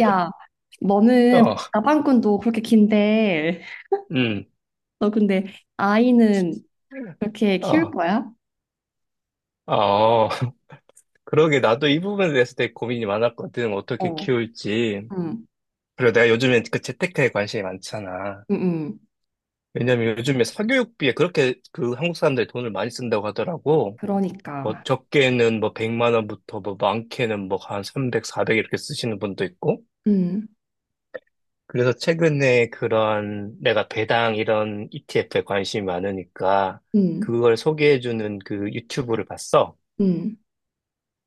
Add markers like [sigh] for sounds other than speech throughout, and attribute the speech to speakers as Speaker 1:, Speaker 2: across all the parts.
Speaker 1: 야, 너는
Speaker 2: 어,
Speaker 1: 나방꾼도 그렇게 긴데,
Speaker 2: 음,
Speaker 1: [laughs] 너 근데 아이는 그렇게 키울
Speaker 2: 어,
Speaker 1: 거야?
Speaker 2: 어. [laughs] 그러게 나도 이 부분에 대해서 되게 고민이 많았거든. 어떻게
Speaker 1: 어,
Speaker 2: 키울지.
Speaker 1: 응,
Speaker 2: 그리고 내가 요즘에 그 재테크에 관심이 많잖아.
Speaker 1: 응, 응.
Speaker 2: 왜냐면 요즘에 사교육비에 그렇게 그 한국 사람들이 돈을 많이 쓴다고 하더라고.
Speaker 1: 그러니까,
Speaker 2: 뭐 적게는 뭐 100만 원부터 뭐 많게는 뭐 한 300, 400 이렇게 쓰시는 분도 있고.
Speaker 1: 응,
Speaker 2: 그래서 최근에 그런 내가 배당 이런 ETF에 관심이 많으니까
Speaker 1: 응,
Speaker 2: 그걸 소개해주는 그 유튜브를 봤어.
Speaker 1: 응,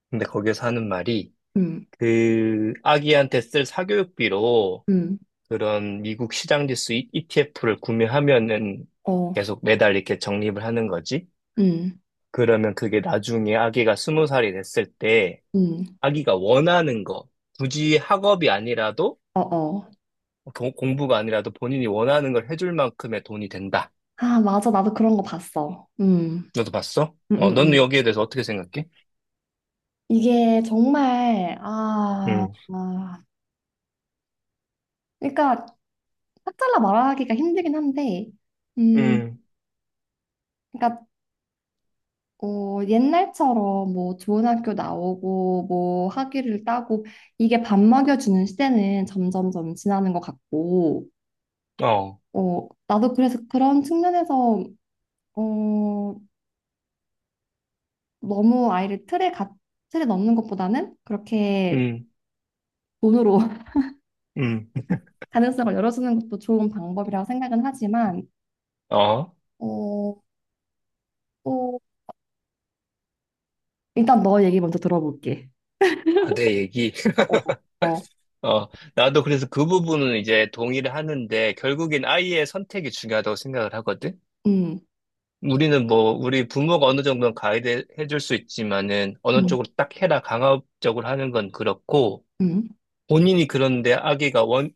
Speaker 2: 근데 거기에서 하는 말이
Speaker 1: 응,
Speaker 2: 그 아기한테 쓸 사교육비로
Speaker 1: 응,
Speaker 2: 그런 미국 시장지수 ETF를 구매하면은
Speaker 1: 어,
Speaker 2: 계속 매달 이렇게 적립을 하는 거지.
Speaker 1: 응,
Speaker 2: 그러면 그게 나중에 아기가 스무 살이 됐을 때
Speaker 1: 응,
Speaker 2: 아기가 원하는 거, 굳이 학업이 아니라도
Speaker 1: 어, 어.
Speaker 2: 공부가 아니라도 본인이 원하는 걸 해줄 만큼의 돈이 된다.
Speaker 1: 아, 맞아. 나도 그런 거 봤어. 응,
Speaker 2: 너도 봤어?
Speaker 1: 응,
Speaker 2: 어,
Speaker 1: 응,
Speaker 2: 넌
Speaker 1: 응.
Speaker 2: 여기에 대해서 어떻게 생각해?
Speaker 1: 이게 정말, 아,
Speaker 2: 음,
Speaker 1: 아. 그러니까, 딱 잘라 말하기가 힘들긴 한데, 음,
Speaker 2: 음,
Speaker 1: 그러니까 옛날처럼 뭐 좋은 학교 나오고 뭐 학위를 따고 이게 밥 먹여주는 시대는 점점점 지나는 것 같고
Speaker 2: 어,
Speaker 1: 나도 그래서 그런 측면에서 어, 너무 아이를 틀에 넣는 것보다는 그렇게
Speaker 2: 음,
Speaker 1: 돈으로 [laughs]
Speaker 2: 음,
Speaker 1: 가능성을 열어주는 것도 좋은 방법이라고 생각은 하지만
Speaker 2: 어,
Speaker 1: 어, 또 일단 너 얘기 먼저 들어볼게.
Speaker 2: 아, 내 얘기.
Speaker 1: 어, 어, 어.
Speaker 2: 어, 나도 그래서 그 부분은 이제 동의를 하는데 결국엔 아이의 선택이 중요하다고 생각을 하거든.
Speaker 1: 음,
Speaker 2: 우리는 뭐 우리 부모가 어느 정도는 가이드 해줄 수 있지만은 어느
Speaker 1: 음,
Speaker 2: 쪽으로 딱 해라 강압적으로 하는 건 그렇고
Speaker 1: 음,
Speaker 2: 본인이 그런데 아기가 원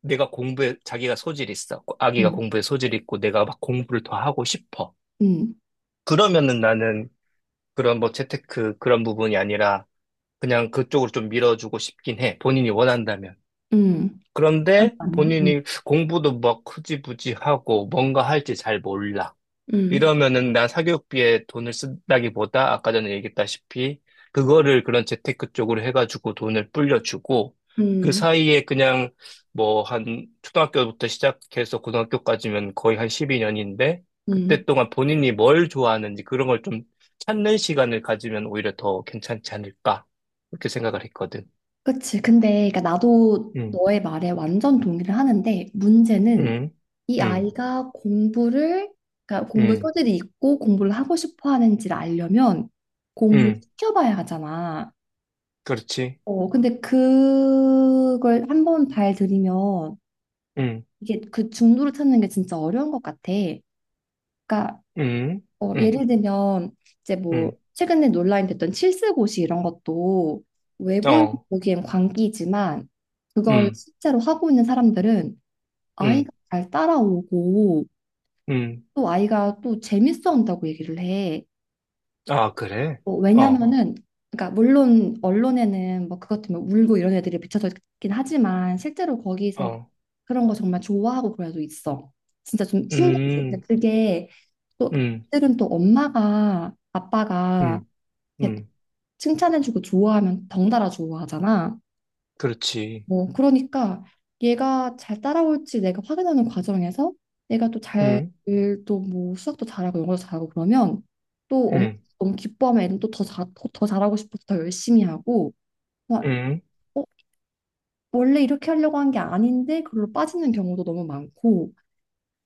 Speaker 2: 내가 공부에 자기가 소질 이 있어. 아기가
Speaker 1: 음,
Speaker 2: 공부에 소질 이 있고 내가 막 공부를 더 하고 싶어.
Speaker 1: 음,
Speaker 2: 그러면은 나는 그런 뭐 재테크 그런 부분이 아니라 그냥 그쪽으로 좀 밀어주고 싶긴 해. 본인이 원한다면.
Speaker 1: 음. 잠
Speaker 2: 그런데
Speaker 1: 깐 음,
Speaker 2: 본인이 공부도 막 흐지부지 하고 뭔가 할지 잘 몰라.
Speaker 1: 음,
Speaker 2: 이러면은 난 사교육비에 돈을 쓴다기보다 아까 전에 얘기했다시피 그거를 그런 재테크 쪽으로 해가지고 돈을 불려주고 그
Speaker 1: 음,
Speaker 2: 사이에 그냥 뭐 한 초등학교부터 시작해서 고등학교까지면 거의 한 12년인데
Speaker 1: 음,
Speaker 2: 그때 동안 본인이 뭘 좋아하는지 그런 걸 좀 찾는 시간을 가지면 오히려 더 괜찮지 않을까 그렇게 생각을 했거든.
Speaker 1: 그치. 근데, 그러니까 나도
Speaker 2: 응,
Speaker 1: 너의 말에 완전 동의를 하는데, 문제는
Speaker 2: 응,
Speaker 1: 이
Speaker 2: 응,
Speaker 1: 아이가 그러니까 공부
Speaker 2: 응,
Speaker 1: 소질이 있고 공부를 하고 싶어 하는지를 알려면 공부를
Speaker 2: 응.
Speaker 1: 시켜봐야 하잖아.
Speaker 2: 그렇지.
Speaker 1: 근데 그걸 한번 발 들이면
Speaker 2: 응,
Speaker 1: 이게 그 중도를 찾는 게 진짜 어려운 것 같아. 그러니까
Speaker 2: 응, 응,
Speaker 1: 예를 들면 이제 뭐
Speaker 2: 응,
Speaker 1: 최근에 논란이 됐던 칠수고시 이런 것도 외부에서
Speaker 2: 어,
Speaker 1: 보기엔 광기지만 그걸
Speaker 2: 응,
Speaker 1: 실제로 하고 있는 사람들은
Speaker 2: 응,
Speaker 1: 아이가 잘 따라오고
Speaker 2: 응.
Speaker 1: 또 아이가 또 재밌어 한다고 얘기를 해.
Speaker 2: 아, 그래?
Speaker 1: 뭐
Speaker 2: 어,
Speaker 1: 왜냐면은 그러니까 물론 언론에는 뭐 그것 때문에 울고 이런 애들이 비춰져 있긴 하지만 실제로 거기서
Speaker 2: 어,
Speaker 1: 그런 거 정말 좋아하고 그래도 있어. 진짜 좀 신기하지. 근데
Speaker 2: 음,
Speaker 1: 그게 또
Speaker 2: 음,
Speaker 1: 그들은 또 엄마가 아빠가
Speaker 2: 음,
Speaker 1: 걔
Speaker 2: 음.
Speaker 1: 칭찬해주고 좋아하면 덩달아 좋아하잖아.
Speaker 2: 그렇지.
Speaker 1: 뭐 그러니까 얘가 잘 따라올지 내가 확인하는 과정에서 얘가 또 잘
Speaker 2: 응,
Speaker 1: 또 뭐 수학도 잘하고 영어도 잘하고 그러면 또
Speaker 2: 응,
Speaker 1: 너무 기뻐하면 애는 또 더 잘하고 싶어서 더 열심히 하고 막
Speaker 2: 응,
Speaker 1: 어, 원래 이렇게 하려고 한 게 아닌데 그걸로 빠지는 경우도 너무 많고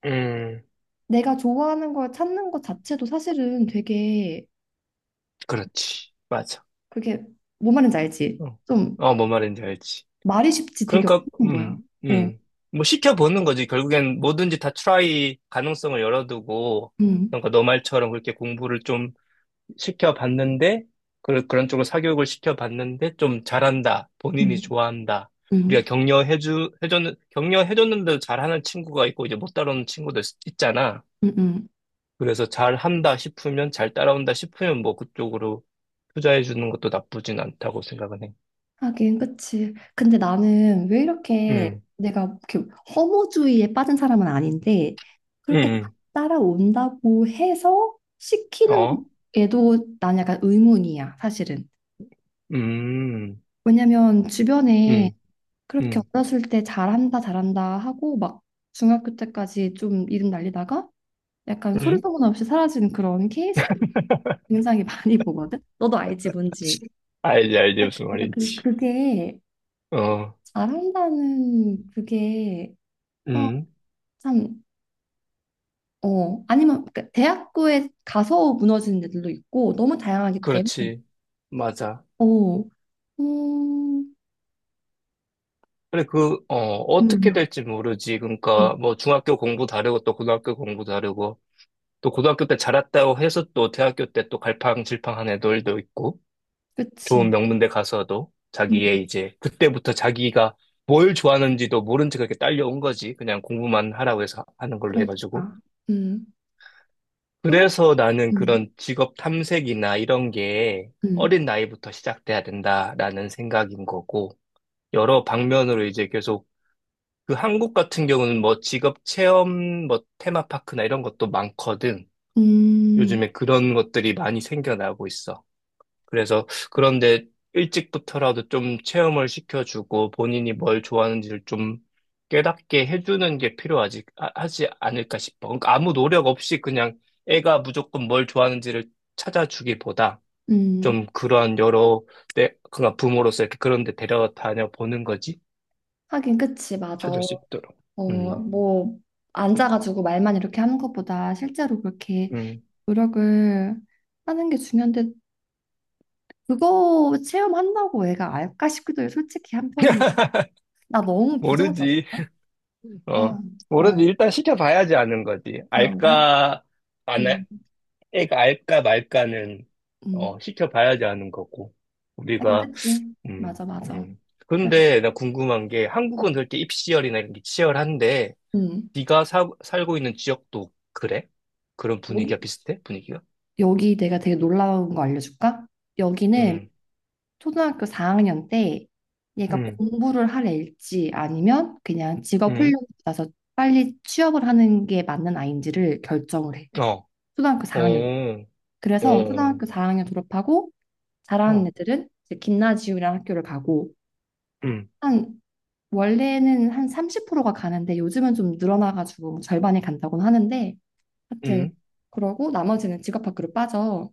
Speaker 2: 응.
Speaker 1: 내가 좋아하는 걸 찾는 것 자체도 사실은 되게
Speaker 2: 그렇지. 맞아.
Speaker 1: 그게 뭔 말인지 알지?
Speaker 2: 어,
Speaker 1: 좀
Speaker 2: 어, 뭔 말인지 알지.
Speaker 1: 말이 쉽지 되게
Speaker 2: 그러니까,
Speaker 1: 어려운 거야. 어,
Speaker 2: 음. 뭐 시켜보는 거지. 결국엔 뭐든지 다 트라이 가능성을 열어두고,
Speaker 1: 음.
Speaker 2: 그러니까 너 말처럼 그렇게 공부를 좀 시켜봤는데, 그, 그런 쪽으로 사교육을 시켜봤는데, 좀 잘한다. 본인이
Speaker 1: 음.
Speaker 2: 좋아한다.
Speaker 1: 응,
Speaker 2: 우리가 격려해줬는데도 잘하는 친구가 있고, 이제 못 따라오는 친구도 있잖아.
Speaker 1: 응, 응.
Speaker 2: 그래서 잘한다 싶으면, 잘 따라온다 싶으면, 뭐, 그쪽으로 투자해주는 것도 나쁘진 않다고 생각은 해.
Speaker 1: 하긴, 그치. 근데 나는 왜 이렇게
Speaker 2: 음,
Speaker 1: 내가 이렇게 허무주의에 빠진 사람은 아닌데, 그렇게
Speaker 2: 음,
Speaker 1: 따라온다고 해서 시키는
Speaker 2: 어?
Speaker 1: 애도 난 약간 의문이야, 사실은.
Speaker 2: 음,
Speaker 1: 왜냐면 주변에
Speaker 2: 음,
Speaker 1: 그렇게
Speaker 2: 음,
Speaker 1: 어렸을 때 잘한다, 잘한다 하고 막 중학교 때까지 좀 이름 날리다가 약간 소리
Speaker 2: 음?
Speaker 1: 소문 없이 사라진 그런 케이스 굉장히 [laughs] 많이 보거든. 너도 알지, 뭔지.
Speaker 2: [laughs] 알지, 알지, 무슨
Speaker 1: 그러니까 그,
Speaker 2: 말인지.
Speaker 1: 그게
Speaker 2: 어,
Speaker 1: 잘한다는 그게 아
Speaker 2: 음,
Speaker 1: 참, 아니면 그 대학교에 가서 무너지는 애들도 있고 너무 다양하기 때문에
Speaker 2: 그렇지. 맞아.
Speaker 1: 어, 어, 음,
Speaker 2: 그래, 그, 어, 어떻게
Speaker 1: 음.
Speaker 2: 될지 모르지. 그러니까,
Speaker 1: 음,
Speaker 2: 뭐, 중학교 공부 다르고, 또 고등학교 공부 다르고, 또 고등학교 때 잘했다고 해서 또 대학교 때 또 갈팡질팡한 애들도 있고, 좋은
Speaker 1: 그치.
Speaker 2: 명문대 가서도
Speaker 1: 음,
Speaker 2: 자기의 이제, 그때부터 자기가 뭘 좋아하는지도 모른 채 그렇게 딸려온 거지. 그냥 공부만 하라고 해서 하는 걸로 해가지고.
Speaker 1: 그러니까. 음, 그래?
Speaker 2: 그래서 나는
Speaker 1: 음,
Speaker 2: 그런 직업 탐색이나 이런 게
Speaker 1: 음,
Speaker 2: 어린 나이부터 시작돼야 된다라는 생각인 거고, 여러 방면으로 이제 계속 그 한국 같은 경우는 뭐 직업 체험 뭐 테마파크나 이런 것도 많거든.
Speaker 1: 음,
Speaker 2: 요즘에 그런 것들이 많이 생겨나고 있어. 그래서 그런데 일찍부터라도 좀 체험을 시켜주고 본인이 뭘 좋아하는지를 좀 깨닫게 해주는 게 필요하지, 하지 않을까 싶어. 그러니까 아무 노력 없이 그냥 애가 무조건 뭘 좋아하는지를 찾아주기보다
Speaker 1: 음.
Speaker 2: 좀 그런 여러 때, 그냥 부모로서 이렇게 그런 데 데려다녀 보는 거지.
Speaker 1: 하긴, 그치, 맞아.
Speaker 2: 찾을 수 있도록. 음,
Speaker 1: 뭐, 앉아가지고 말만 이렇게 하는 것보다 실제로 그렇게
Speaker 2: 음.
Speaker 1: 노력을 하는 게 중요한데, 그거 체험한다고 애가 알까 싶기도 해요. 솔직히 한편으로 나 너무 부정적인가?
Speaker 2: 모르지. 어,
Speaker 1: 아,
Speaker 2: 모르지.
Speaker 1: 어,
Speaker 2: 일단 시켜봐야지 아는 거지.
Speaker 1: 그런가?
Speaker 2: 알까, 안,
Speaker 1: 음,
Speaker 2: 알- 애가 알까 말까는, 어,
Speaker 1: 음.
Speaker 2: 시켜봐야지 아는 거고.
Speaker 1: 하긴
Speaker 2: 우리가,
Speaker 1: 그치.
Speaker 2: 음,
Speaker 1: 맞아, 맞아.
Speaker 2: 음.
Speaker 1: 그래.
Speaker 2: 근데 나 궁금한 게, 한국은
Speaker 1: 음.
Speaker 2: 그렇게 입시열이나 이런 게 치열한데,
Speaker 1: 음.
Speaker 2: 네가 살고 있는 지역도 그래? 그런
Speaker 1: 여기
Speaker 2: 분위기가 비슷해? 분위기가?
Speaker 1: 여기 내가 되게 놀라운 거 알려줄까? 여기는
Speaker 2: 음,
Speaker 1: 초등학교 4학년 때 얘가
Speaker 2: 음,
Speaker 1: 공부를 할 애일지 아니면 그냥 직업 훈련
Speaker 2: 음,
Speaker 1: 받아서 빨리 취업을 하는 게 맞는 아이인지를 결정을 해.
Speaker 2: 어,
Speaker 1: 초등학교 4학년.
Speaker 2: 어,
Speaker 1: 그래서
Speaker 2: 어,
Speaker 1: 초등학교 4학년 졸업하고 잘하는
Speaker 2: 어,
Speaker 1: 애들은 이제 김나지움이라는 학교를 가고
Speaker 2: 음,
Speaker 1: 한 원래는 한 30%가 가는데 요즘은 좀 늘어나가지고 뭐 절반이 간다고는 하는데 하여튼
Speaker 2: 음,
Speaker 1: 그러고 나머지는 직업학교로 빠져.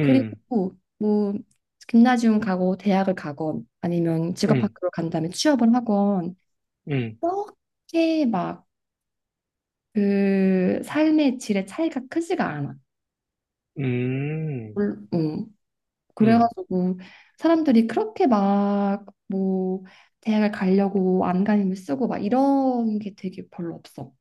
Speaker 1: 그리고 뭐 김나지움 가고 대학을 가건 아니면
Speaker 2: 음,
Speaker 1: 직업학교로 간 다음에 취업을 하건
Speaker 2: 음,
Speaker 1: 그렇게 막 그 삶의 질의 차이가 크지가 않아.
Speaker 2: 음,
Speaker 1: 물- 음,
Speaker 2: 음.
Speaker 1: 그래가지고 사람들이 그렇게 막 뭐 대학을 가려고 안간힘을 쓰고 막 이런 게 되게 별로 없어.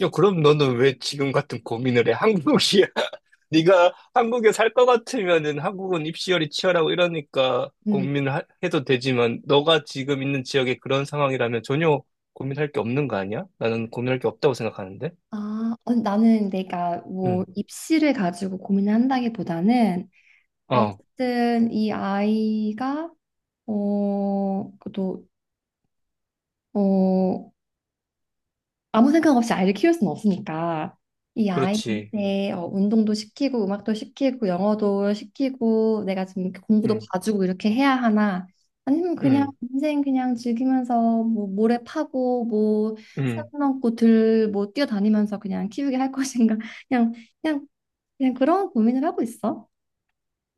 Speaker 2: 야, 그럼 너는 왜 지금 같은 고민을 해? 한국이야. [laughs] 네가 한국에 살 것 같으면은 한국은 입시열이 치열하고 이러니까
Speaker 1: 음.
Speaker 2: 고민을 해도 되지만 너가 지금 있는 지역에 그런 상황이라면 전혀 고민할 게 없는 거 아니야? 나는 고민할 게 없다고 생각하는데.
Speaker 1: 아, 나는 내가 뭐
Speaker 2: 응.
Speaker 1: 입시를 가지고 고민을 한다기보다는
Speaker 2: 어,
Speaker 1: 어쨌든 이 아이가 또, 어, 아무 생각 없이 아이를 키울 수는 없으니까 이
Speaker 2: 그렇지.
Speaker 1: 아이한테 운동도 시키고 음악도 시키고 영어도 시키고 내가 지금 이렇게 공부도
Speaker 2: 응,
Speaker 1: 봐주고 이렇게 해야 하나 아니면 그냥
Speaker 2: 응,
Speaker 1: 인생 그냥 즐기면서 뭐 모래 파고 뭐산
Speaker 2: 응,
Speaker 1: 넘고 들뭐 뛰어다니면서 그냥 키우게 할 것인가 [laughs] 그냥 그냥 그냥 그런 고민을 하고 있어.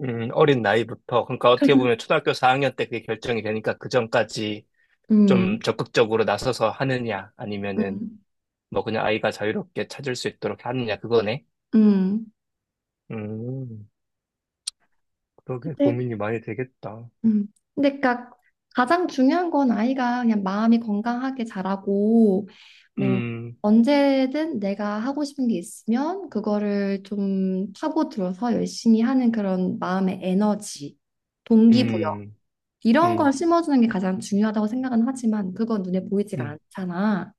Speaker 2: 응. 어린 나이부터. 그러니까 어떻게
Speaker 1: [laughs]
Speaker 2: 보면 초등학교 4학년 때 그게 결정이 되니까 그 전까지 좀
Speaker 1: 음,
Speaker 2: 적극적으로 나서서 하느냐 아니면은
Speaker 1: 음,
Speaker 2: 뭐 그냥 아이가 자유롭게 찾을 수 있도록 하느냐 그거네.
Speaker 1: 음.
Speaker 2: 음, 그러게 고민이 많이 되겠다.
Speaker 1: 음. 근데 그니까 가장 중요한 건 아이가 그냥 마음이 건강하게 자라고 뭐
Speaker 2: 음,
Speaker 1: 언제든 내가 하고 싶은 게 있으면 그거를 좀 파고들어서 열심히 하는 그런 마음의 에너지, 동기부여
Speaker 2: 음,
Speaker 1: 이런
Speaker 2: 음,
Speaker 1: 걸 심어주는 게 가장 중요하다고 생각은 하지만 그건 눈에 보이지가
Speaker 2: 음,
Speaker 1: 않잖아.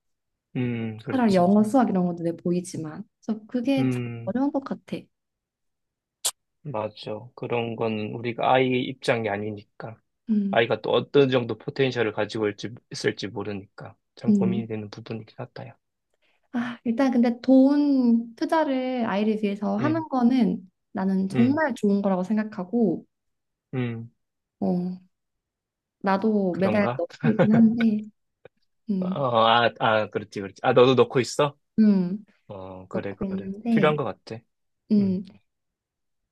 Speaker 1: 차라리
Speaker 2: 그렇지.
Speaker 1: 영어, 수학 이런 건 눈에 보이지만 그래서 그게 참
Speaker 2: 음,
Speaker 1: 어려운 것 같아.
Speaker 2: 맞아. 그런 건 우리가 아이 입장이 아니니까.
Speaker 1: 음,
Speaker 2: 아이가 또 어떤 정도 포텐셜을 가지고 있을지, 있을지 모르니까. 참
Speaker 1: 음.
Speaker 2: 고민이 되는 부분이긴 하다, 야.
Speaker 1: 아, 일단 근데 돈 투자를 아이를 위해서
Speaker 2: 음,
Speaker 1: 하는 거는 나는
Speaker 2: 음,
Speaker 1: 정말 좋은 거라고 생각하고,
Speaker 2: 음,
Speaker 1: 어, 나도 매달
Speaker 2: 그런가?
Speaker 1: 넣고 있긴 한데,
Speaker 2: 어,
Speaker 1: 음,
Speaker 2: 아, 아, 그렇지, 그렇지. 아, 너도 넣고 있어?
Speaker 1: 음,
Speaker 2: 어, 그래,
Speaker 1: 넣고
Speaker 2: 그래. 필요한
Speaker 1: 있는데,
Speaker 2: 것 같아. 음.
Speaker 1: 음,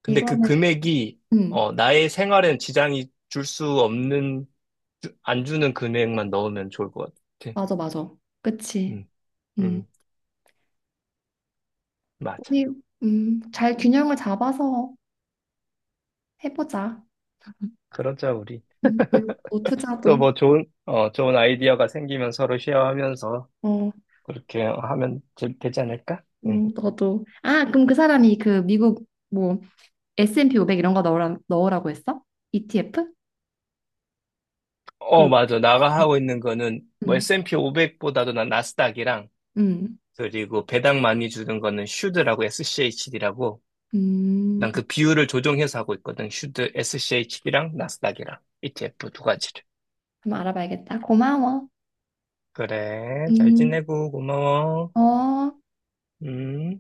Speaker 2: 근데 그
Speaker 1: 이거는,
Speaker 2: 금액이,
Speaker 1: 음,
Speaker 2: 어, 나의 생활엔 지장이 줄 수 없는 안 주는 금액만 넣으면 좋을 것 같아.
Speaker 1: 맞아, 맞아. 그치.
Speaker 2: 음,
Speaker 1: 음,
Speaker 2: 음, 맞아.
Speaker 1: 우리, 잘 균형을 잡아서 해보자.
Speaker 2: 그러자, 우리.
Speaker 1: 교육도,
Speaker 2: 또
Speaker 1: 투자도,
Speaker 2: 뭐 좋은, 어, 좋은 아이디어가 생기면 서로 쉐어하면서
Speaker 1: 어,
Speaker 2: 그렇게 하면 되지 않을까? 응.
Speaker 1: 너도. 아, 그럼 그 사람이 그 미국 뭐 S&P 500 이런 거 넣으라고 했어? ETF?
Speaker 2: 어,
Speaker 1: 그,
Speaker 2: 맞아. 나가 하고 있는 거는 뭐
Speaker 1: 음.
Speaker 2: S&P 500보다도 난 나스닥이랑
Speaker 1: 음,
Speaker 2: 그리고 배당 많이 주는 거는 슈드라고 SCHD라고
Speaker 1: 음,
Speaker 2: 난 그 비율을 조정해서 하고 있거든. 슈드 SCHD랑 나스닥이랑 ETF 두 가지를.
Speaker 1: 한번 알아봐야겠다. 고마워.
Speaker 2: 그래. 잘
Speaker 1: 음,
Speaker 2: 지내고 고마워.
Speaker 1: 어.
Speaker 2: 음.